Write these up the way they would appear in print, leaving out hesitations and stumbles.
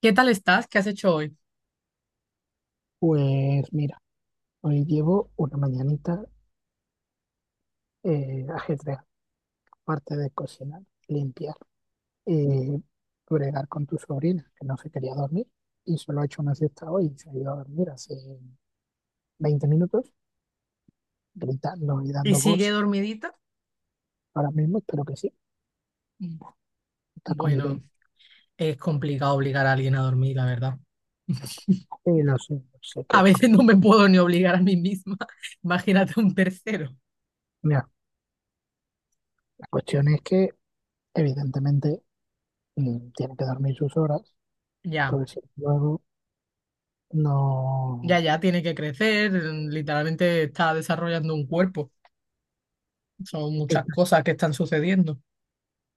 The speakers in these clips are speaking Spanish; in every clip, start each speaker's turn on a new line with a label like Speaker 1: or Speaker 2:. Speaker 1: ¿Qué tal estás? ¿Qué has hecho hoy?
Speaker 2: Pues mira, hoy llevo una mañanita ajedrez, aparte de cocinar, limpiar, eh, bregar con tu sobrina, que no se quería dormir, y solo ha hecho una siesta hoy y se ha ido a dormir hace 20 minutos, gritando y
Speaker 1: ¿Y
Speaker 2: dando
Speaker 1: sigue
Speaker 2: voz.
Speaker 1: dormidita?
Speaker 2: Ahora mismo espero que sí,
Speaker 1: Mm,
Speaker 2: está con
Speaker 1: Bueno,
Speaker 2: nivel.
Speaker 1: es complicado obligar a alguien a dormir, la verdad.
Speaker 2: Lo sé, lo sé que
Speaker 1: A
Speaker 2: es
Speaker 1: veces no
Speaker 2: complejo.
Speaker 1: me puedo ni obligar a mí misma. Imagínate un tercero.
Speaker 2: Mira, la cuestión es que evidentemente tiene que dormir sus horas,
Speaker 1: Ya,
Speaker 2: porque si luego
Speaker 1: ya,
Speaker 2: no.
Speaker 1: ya tiene que crecer. Literalmente está desarrollando un cuerpo. Son muchas cosas que están sucediendo.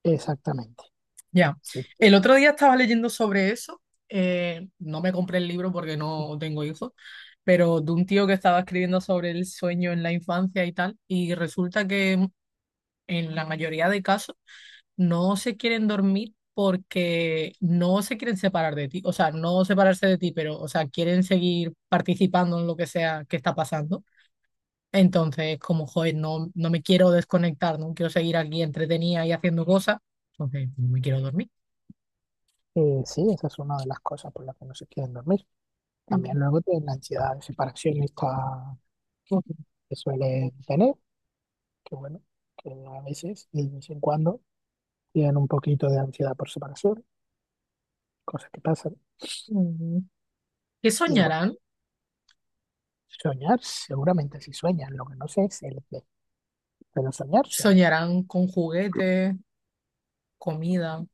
Speaker 2: Exactamente.
Speaker 1: Ya.
Speaker 2: Sí.
Speaker 1: El otro día estaba leyendo sobre eso. No me compré el libro porque no tengo hijos, pero de un tío que estaba escribiendo sobre el sueño en la infancia y tal. Y resulta que en la mayoría de casos, no se quieren dormir porque no se quieren separar de ti, o sea, no separarse de ti, pero, o sea, quieren seguir participando en lo que sea que está pasando. Entonces, como, joder, no me quiero desconectar, no quiero seguir aquí entretenida y haciendo cosas, entonces no me quiero dormir.
Speaker 2: Sí, esa es una de las cosas por las que no se quieren dormir. También luego tienen la ansiedad de separación esta que suelen tener, que bueno, que a veces y de vez en cuando tienen un poquito de ansiedad por separación, cosas que pasan.
Speaker 1: Mm. ¿Qué
Speaker 2: Y bueno,
Speaker 1: soñarán?
Speaker 2: soñar, seguramente sí sueñan, lo que no sé es el qué, pero soñar sueñan.
Speaker 1: Soñarán con juguetes, comida.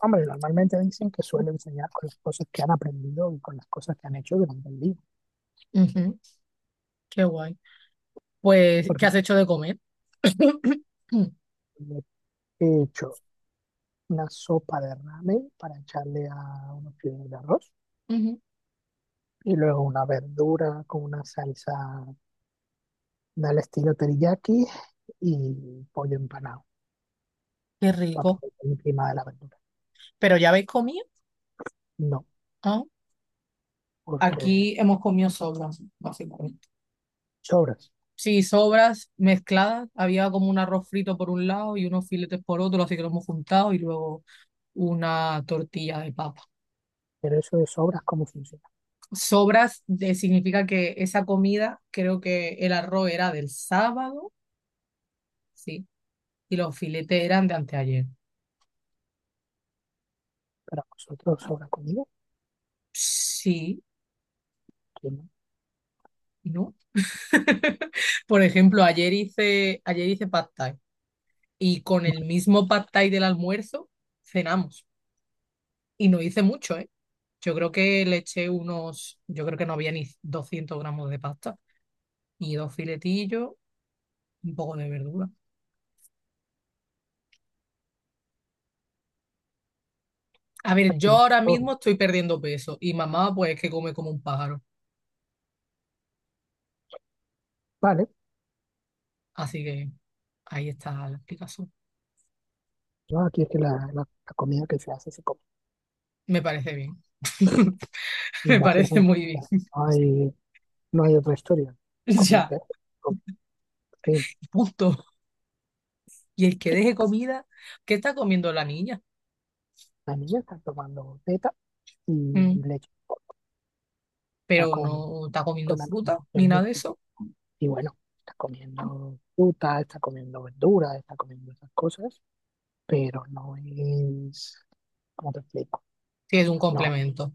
Speaker 2: Hombre, normalmente dicen que suelen soñar con las cosas que han aprendido y con las cosas que han hecho durante el día.
Speaker 1: Ujú. Qué guay. Pues, ¿qué
Speaker 2: Porque
Speaker 1: has hecho de comer?
Speaker 2: he hecho una sopa de ramen para echarle a unos fideos de arroz
Speaker 1: Ujú.
Speaker 2: y luego una verdura con una salsa del estilo teriyaki y pollo empanado
Speaker 1: Qué
Speaker 2: para
Speaker 1: rico.
Speaker 2: poner encima de la verdura.
Speaker 1: Pero ya habéis comido.
Speaker 2: No,
Speaker 1: Ah,
Speaker 2: porque
Speaker 1: aquí hemos comido sobras, básicamente.
Speaker 2: sobras.
Speaker 1: Sí, sobras mezcladas. Había como un arroz frito por un lado y unos filetes por otro, así que lo hemos juntado y luego una tortilla de papa.
Speaker 2: Pero eso de sobras, ¿cómo funciona?
Speaker 1: Sobras de- significa que esa comida, creo que el arroz era del sábado, sí, y los filetes eran de anteayer.
Speaker 2: Para vosotros sobra comida,
Speaker 1: Sí,
Speaker 2: aquí no.
Speaker 1: ¿no? Por ejemplo, ayer hice pad thai y con el mismo pad thai del almuerzo cenamos. Y no hice mucho, ¿eh? Yo creo que no había ni 200 gramos de pasta y dos filetillos, un poco de verdura. A ver, yo
Speaker 2: Aquí
Speaker 1: ahora
Speaker 2: todo.
Speaker 1: mismo estoy perdiendo peso y mamá pues es que come como un pájaro.
Speaker 2: Vale,
Speaker 1: Así que ahí está la explicación.
Speaker 2: no, aquí es que la comida que se hace se come.
Speaker 1: Me parece bien. Me parece
Speaker 2: Básicamente,
Speaker 1: muy bien.
Speaker 2: No hay, no hay otra historia. Comida
Speaker 1: Ya,
Speaker 2: que con- sí,
Speaker 1: punto. Y el que deje comida, ¿qué está comiendo la niña?
Speaker 2: la niña está tomando teta y
Speaker 1: Mm.
Speaker 2: leche. Está
Speaker 1: Pero
Speaker 2: con,
Speaker 1: no está comiendo
Speaker 2: con
Speaker 1: fruta ni
Speaker 2: alimentación.
Speaker 1: nada de eso.
Speaker 2: Y bueno, está comiendo fruta, está comiendo verduras, está comiendo esas cosas, pero no es, ¿cómo te explico?
Speaker 1: Sí, es un
Speaker 2: No,
Speaker 1: complemento.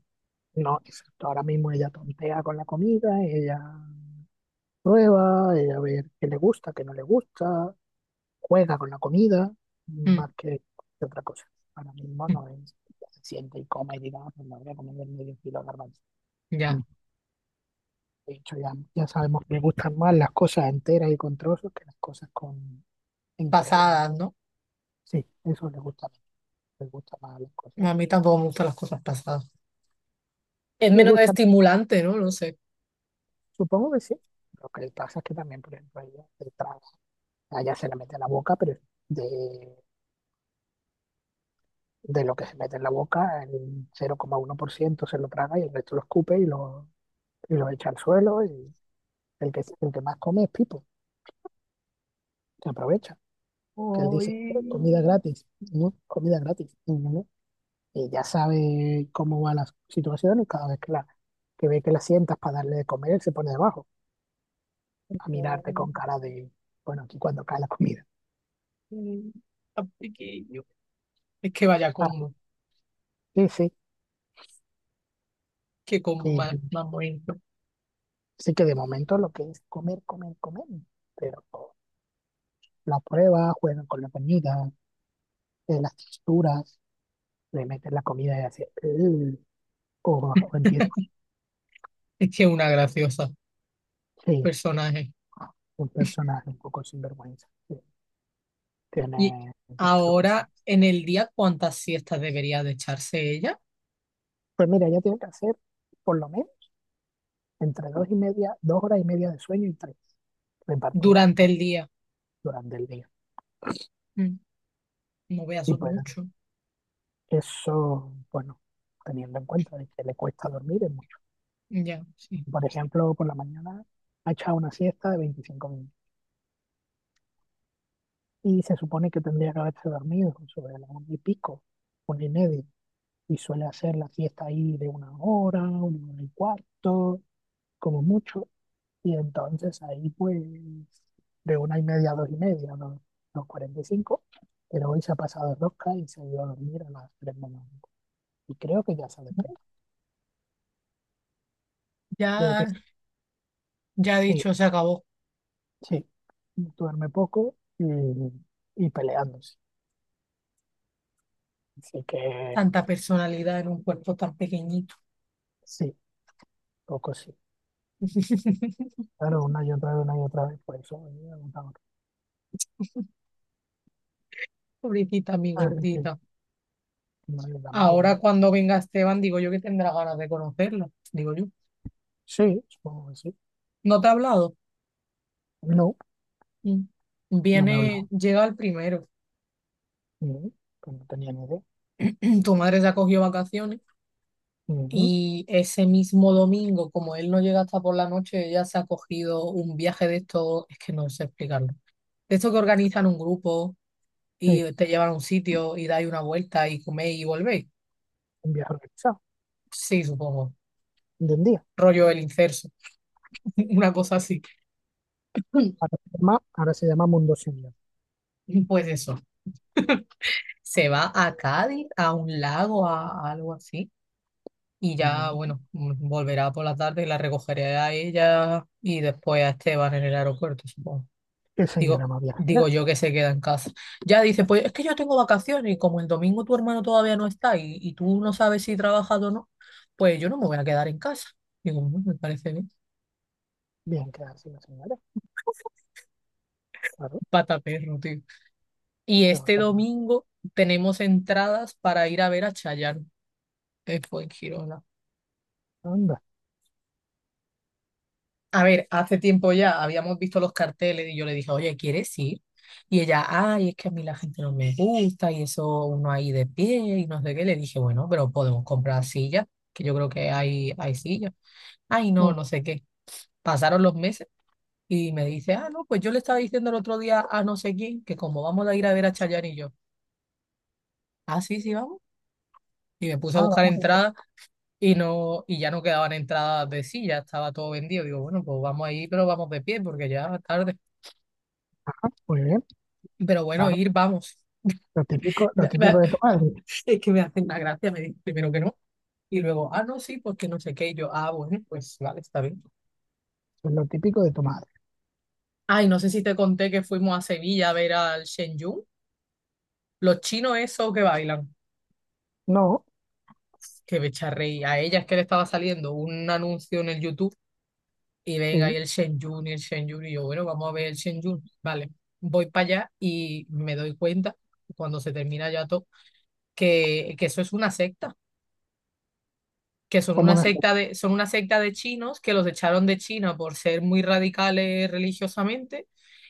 Speaker 2: no, exacto. Ahora mismo ella tontea con la comida, ella prueba, ella ve qué le gusta, qué no le gusta, juega con la comida,
Speaker 1: Mm,
Speaker 2: más que otra cosa. Ahora mismo
Speaker 1: mm,
Speaker 2: no es, se siente y coma y diga, "Ah, pues me voy a comer medio kilo de garbanzo".
Speaker 1: Ya,
Speaker 2: De hecho, ya sabemos que me gustan más las cosas enteras y con trozos que las cosas con, en crema.
Speaker 1: pasadas, ¿no?
Speaker 2: Sí, eso le gusta más las
Speaker 1: No,
Speaker 2: cosas.
Speaker 1: a mí tampoco me gustan las cosas pasadas. Es
Speaker 2: Le
Speaker 1: menos
Speaker 2: gusta,
Speaker 1: estimulante, ¿no? No sé.
Speaker 2: supongo que sí. Lo que le pasa es que también, por ejemplo, ella se traga, a ella se le mete en la boca, pero de, de lo que se mete en la boca, el 0,1% se lo traga y el resto lo escupe y lo echa al suelo. Y el que más come es Pipo, que aprovecha, que él dice,
Speaker 1: Ay,
Speaker 2: Comida gratis, ¿no? Comida gratis". Y, no, y ya sabe cómo va la situación y cada vez que ve que la sientas para darle de comer, él se pone debajo. A mirarte con cara de, bueno, aquí cuando cae la comida.
Speaker 1: ay, tan pequeño. Es que vaya
Speaker 2: Ah,
Speaker 1: combo.
Speaker 2: sí, sí.
Speaker 1: Qué combo
Speaker 2: Y
Speaker 1: más, más bonito.
Speaker 2: sí que de momento lo que es comer, comer, comer, pero la prueba, juegan con la comida, las texturas, le meten la comida y hace, "Ugh", o, o empieza,
Speaker 1: Es que es una graciosa
Speaker 2: sí,
Speaker 1: personaje.
Speaker 2: un personaje un poco sinvergüenza. Sí,
Speaker 1: Y
Speaker 2: tiene su
Speaker 1: ahora,
Speaker 2: cosita.
Speaker 1: en el día, ¿cuántas siestas debería de echarse ella?
Speaker 2: Pues mira, ya tiene que hacer por lo menos entre dos y media, 2 horas y media de sueño y tres repartidas
Speaker 1: Durante
Speaker 2: pues,
Speaker 1: el día.
Speaker 2: durante el día.
Speaker 1: Mm, No veas
Speaker 2: Si
Speaker 1: son
Speaker 2: puedes.
Speaker 1: mucho.
Speaker 2: Eso, bueno, teniendo en cuenta de que le cuesta dormir es mucho.
Speaker 1: Ya, sí.
Speaker 2: Por ejemplo, por la mañana ha echado una siesta de 25 minutos y se supone que tendría que haberse dormido sobre la una y pico, una y media, y suele hacer la siesta ahí de una hora y cuarto, como mucho, y entonces ahí pues de una y media a dos y media, no, no 45, pero hoy se ha pasado de rosca y se ha ido a dormir a las 3 de la mañana. Y creo que ya se ha despertado. Creo que
Speaker 1: Ya,
Speaker 2: sí.
Speaker 1: ya
Speaker 2: Sí,
Speaker 1: dicho, se acabó.
Speaker 2: sí, duerme poco y peleándose. Así que
Speaker 1: Tanta personalidad en un cuerpo tan pequeñito.
Speaker 2: sí, poco sí. Claro, una y otra vez, una y otra vez, por eso me agotador.
Speaker 1: Pobrecita, mi
Speaker 2: Ah, es que
Speaker 1: gordita.
Speaker 2: no es la
Speaker 1: Ahora
Speaker 2: madre.
Speaker 1: cuando venga Esteban, digo yo que tendrá ganas de conocerla, digo yo.
Speaker 2: Sí, supongo que sí.
Speaker 1: ¿No te ha hablado?
Speaker 2: No,
Speaker 1: Mm.
Speaker 2: no me hablaba.
Speaker 1: Viene, llega el primero.
Speaker 2: Mm, pues no tenía ni idea.
Speaker 1: Tu madre se ha cogido vacaciones
Speaker 2: Mm,
Speaker 1: y ese mismo domingo, como él no llega hasta por la noche, ella se ha cogido un viaje de estos, es que no sé explicarlo. De estos que organizan un grupo
Speaker 2: sí,
Speaker 1: y te llevan a un sitio y dais una vuelta y coméis y volvéis.
Speaker 2: un viaje organizado,
Speaker 1: Sí, supongo.
Speaker 2: de un día.
Speaker 1: Rollo el incerso, una cosa así.
Speaker 2: Ahora se llama Mundo Senior.
Speaker 1: Pues eso. Se va a Cádiz, a un lago, a algo así. Y ya,
Speaker 2: Mm,
Speaker 1: bueno, volverá por la tarde y la recogeré a ella y después a Esteban en el aeropuerto, supongo.
Speaker 2: ¿Qué señora
Speaker 1: Digo,
Speaker 2: más viajera?
Speaker 1: digo yo que se queda en casa. Ya dice, pues es que yo tengo vacaciones y como el domingo tu hermano todavía no está y tú no sabes si trabajas o no, pues yo no me voy a quedar en casa. Digo, "Mm, me parece bien."
Speaker 2: Bien, quedarse la señora. Claro,
Speaker 1: Pata perro, tío. Y
Speaker 2: que va
Speaker 1: este
Speaker 2: para mí.
Speaker 1: domingo tenemos entradas para ir a ver a Chayanne, que fue en Girona.
Speaker 2: Anda.
Speaker 1: A ver, hace tiempo ya habíamos visto los carteles y yo le dije, oye, ¿quieres ir? Y ella, ay, es que a mí la gente no me gusta y eso uno ahí de pie y no sé qué. Le dije, bueno, pero podemos comprar sillas, que yo creo que hay sillas. Ay, no,
Speaker 2: Mm,
Speaker 1: no sé qué. Pasaron los meses y me dice, ah, no, pues yo le estaba diciendo el otro día a no sé quién que como vamos a ir a ver a Chayanne y yo, ah, sí, sí, vamos. Y me puse a
Speaker 2: Ah,
Speaker 1: buscar
Speaker 2: vamos a ver.
Speaker 1: entradas y no, y ya no quedaban entradas de silla, estaba todo vendido. Digo, bueno, pues vamos ahí, pero vamos de pie porque ya es tarde.
Speaker 2: Muy bien,
Speaker 1: Pero bueno,
Speaker 2: claro.
Speaker 1: ir, vamos.
Speaker 2: Lo
Speaker 1: Me-
Speaker 2: típico
Speaker 1: me-
Speaker 2: de tomar.
Speaker 1: es que me hacen una gracia, me dicen primero que no. Y luego, ah, no, sí, porque no sé qué. Y yo, ah, bueno, pues vale, está bien.
Speaker 2: Es lo típico de tu madre.
Speaker 1: Ay, no sé si te conté que fuimos a Sevilla a ver al Shen Yun. Los chinos esos que bailan.
Speaker 2: No,
Speaker 1: Que me echa a reír. A ella es que le estaba saliendo un anuncio en el YouTube. Y venga, y
Speaker 2: sí,
Speaker 1: el Shen Yun, y el Shen Yun. Y yo, bueno, vamos a ver el Shen Yun. Vale, voy para allá y me doy cuenta, cuando se termina ya todo, que eso es una secta, que son
Speaker 2: como
Speaker 1: una
Speaker 2: una.
Speaker 1: secta de, son una secta de chinos que los echaron de China por ser muy radicales religiosamente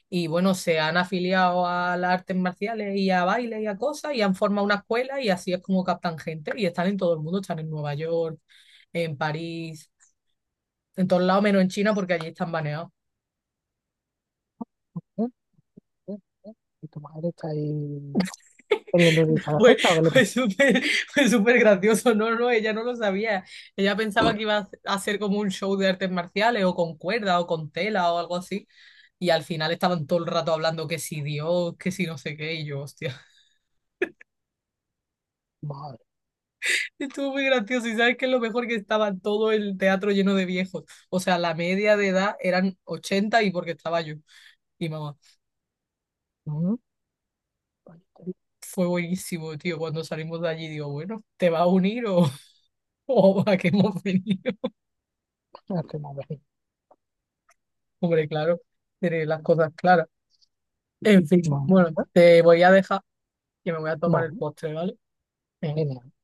Speaker 1: y bueno, se han afiliado a las artes marciales y a bailes y a cosas y han formado una escuela y así es como captan gente y están en todo el mundo, están en Nueva York, en París, en todos lados menos en China porque allí están baneados.
Speaker 2: ¿Eh? ¿Eh? ¿Eh? Y tu madre está ahí queriendo utilizar la
Speaker 1: Fue,
Speaker 2: cesta, ¿o qué le
Speaker 1: fue
Speaker 2: pasa?
Speaker 1: súper, fue súper gracioso. No, no, ella no lo sabía. Ella pensaba que iba a hacer como un show de artes marciales o con cuerda o con tela o algo así. Y al final estaban todo el rato hablando que si Dios, que si no sé qué. Y yo, hostia,
Speaker 2: Madre.
Speaker 1: estuvo muy gracioso. Y sabes que es lo mejor, que estaba todo el teatro lleno de viejos. O sea, la media de edad eran 80 y porque estaba yo. Y mamá,
Speaker 2: ¿No? Pues, ya
Speaker 1: fue buenísimo, tío. Cuando salimos de allí, digo, bueno, ¿te vas a unir o, o a qué hemos venido?
Speaker 2: está, ya estoy más vecino.
Speaker 1: Hombre, claro, tiene las cosas claras. En fin,
Speaker 2: Bueno,
Speaker 1: bueno,
Speaker 2: pues,
Speaker 1: te voy a dejar, que me voy a tomar el
Speaker 2: vale,
Speaker 1: postre, ¿vale? Eh,
Speaker 2: genial.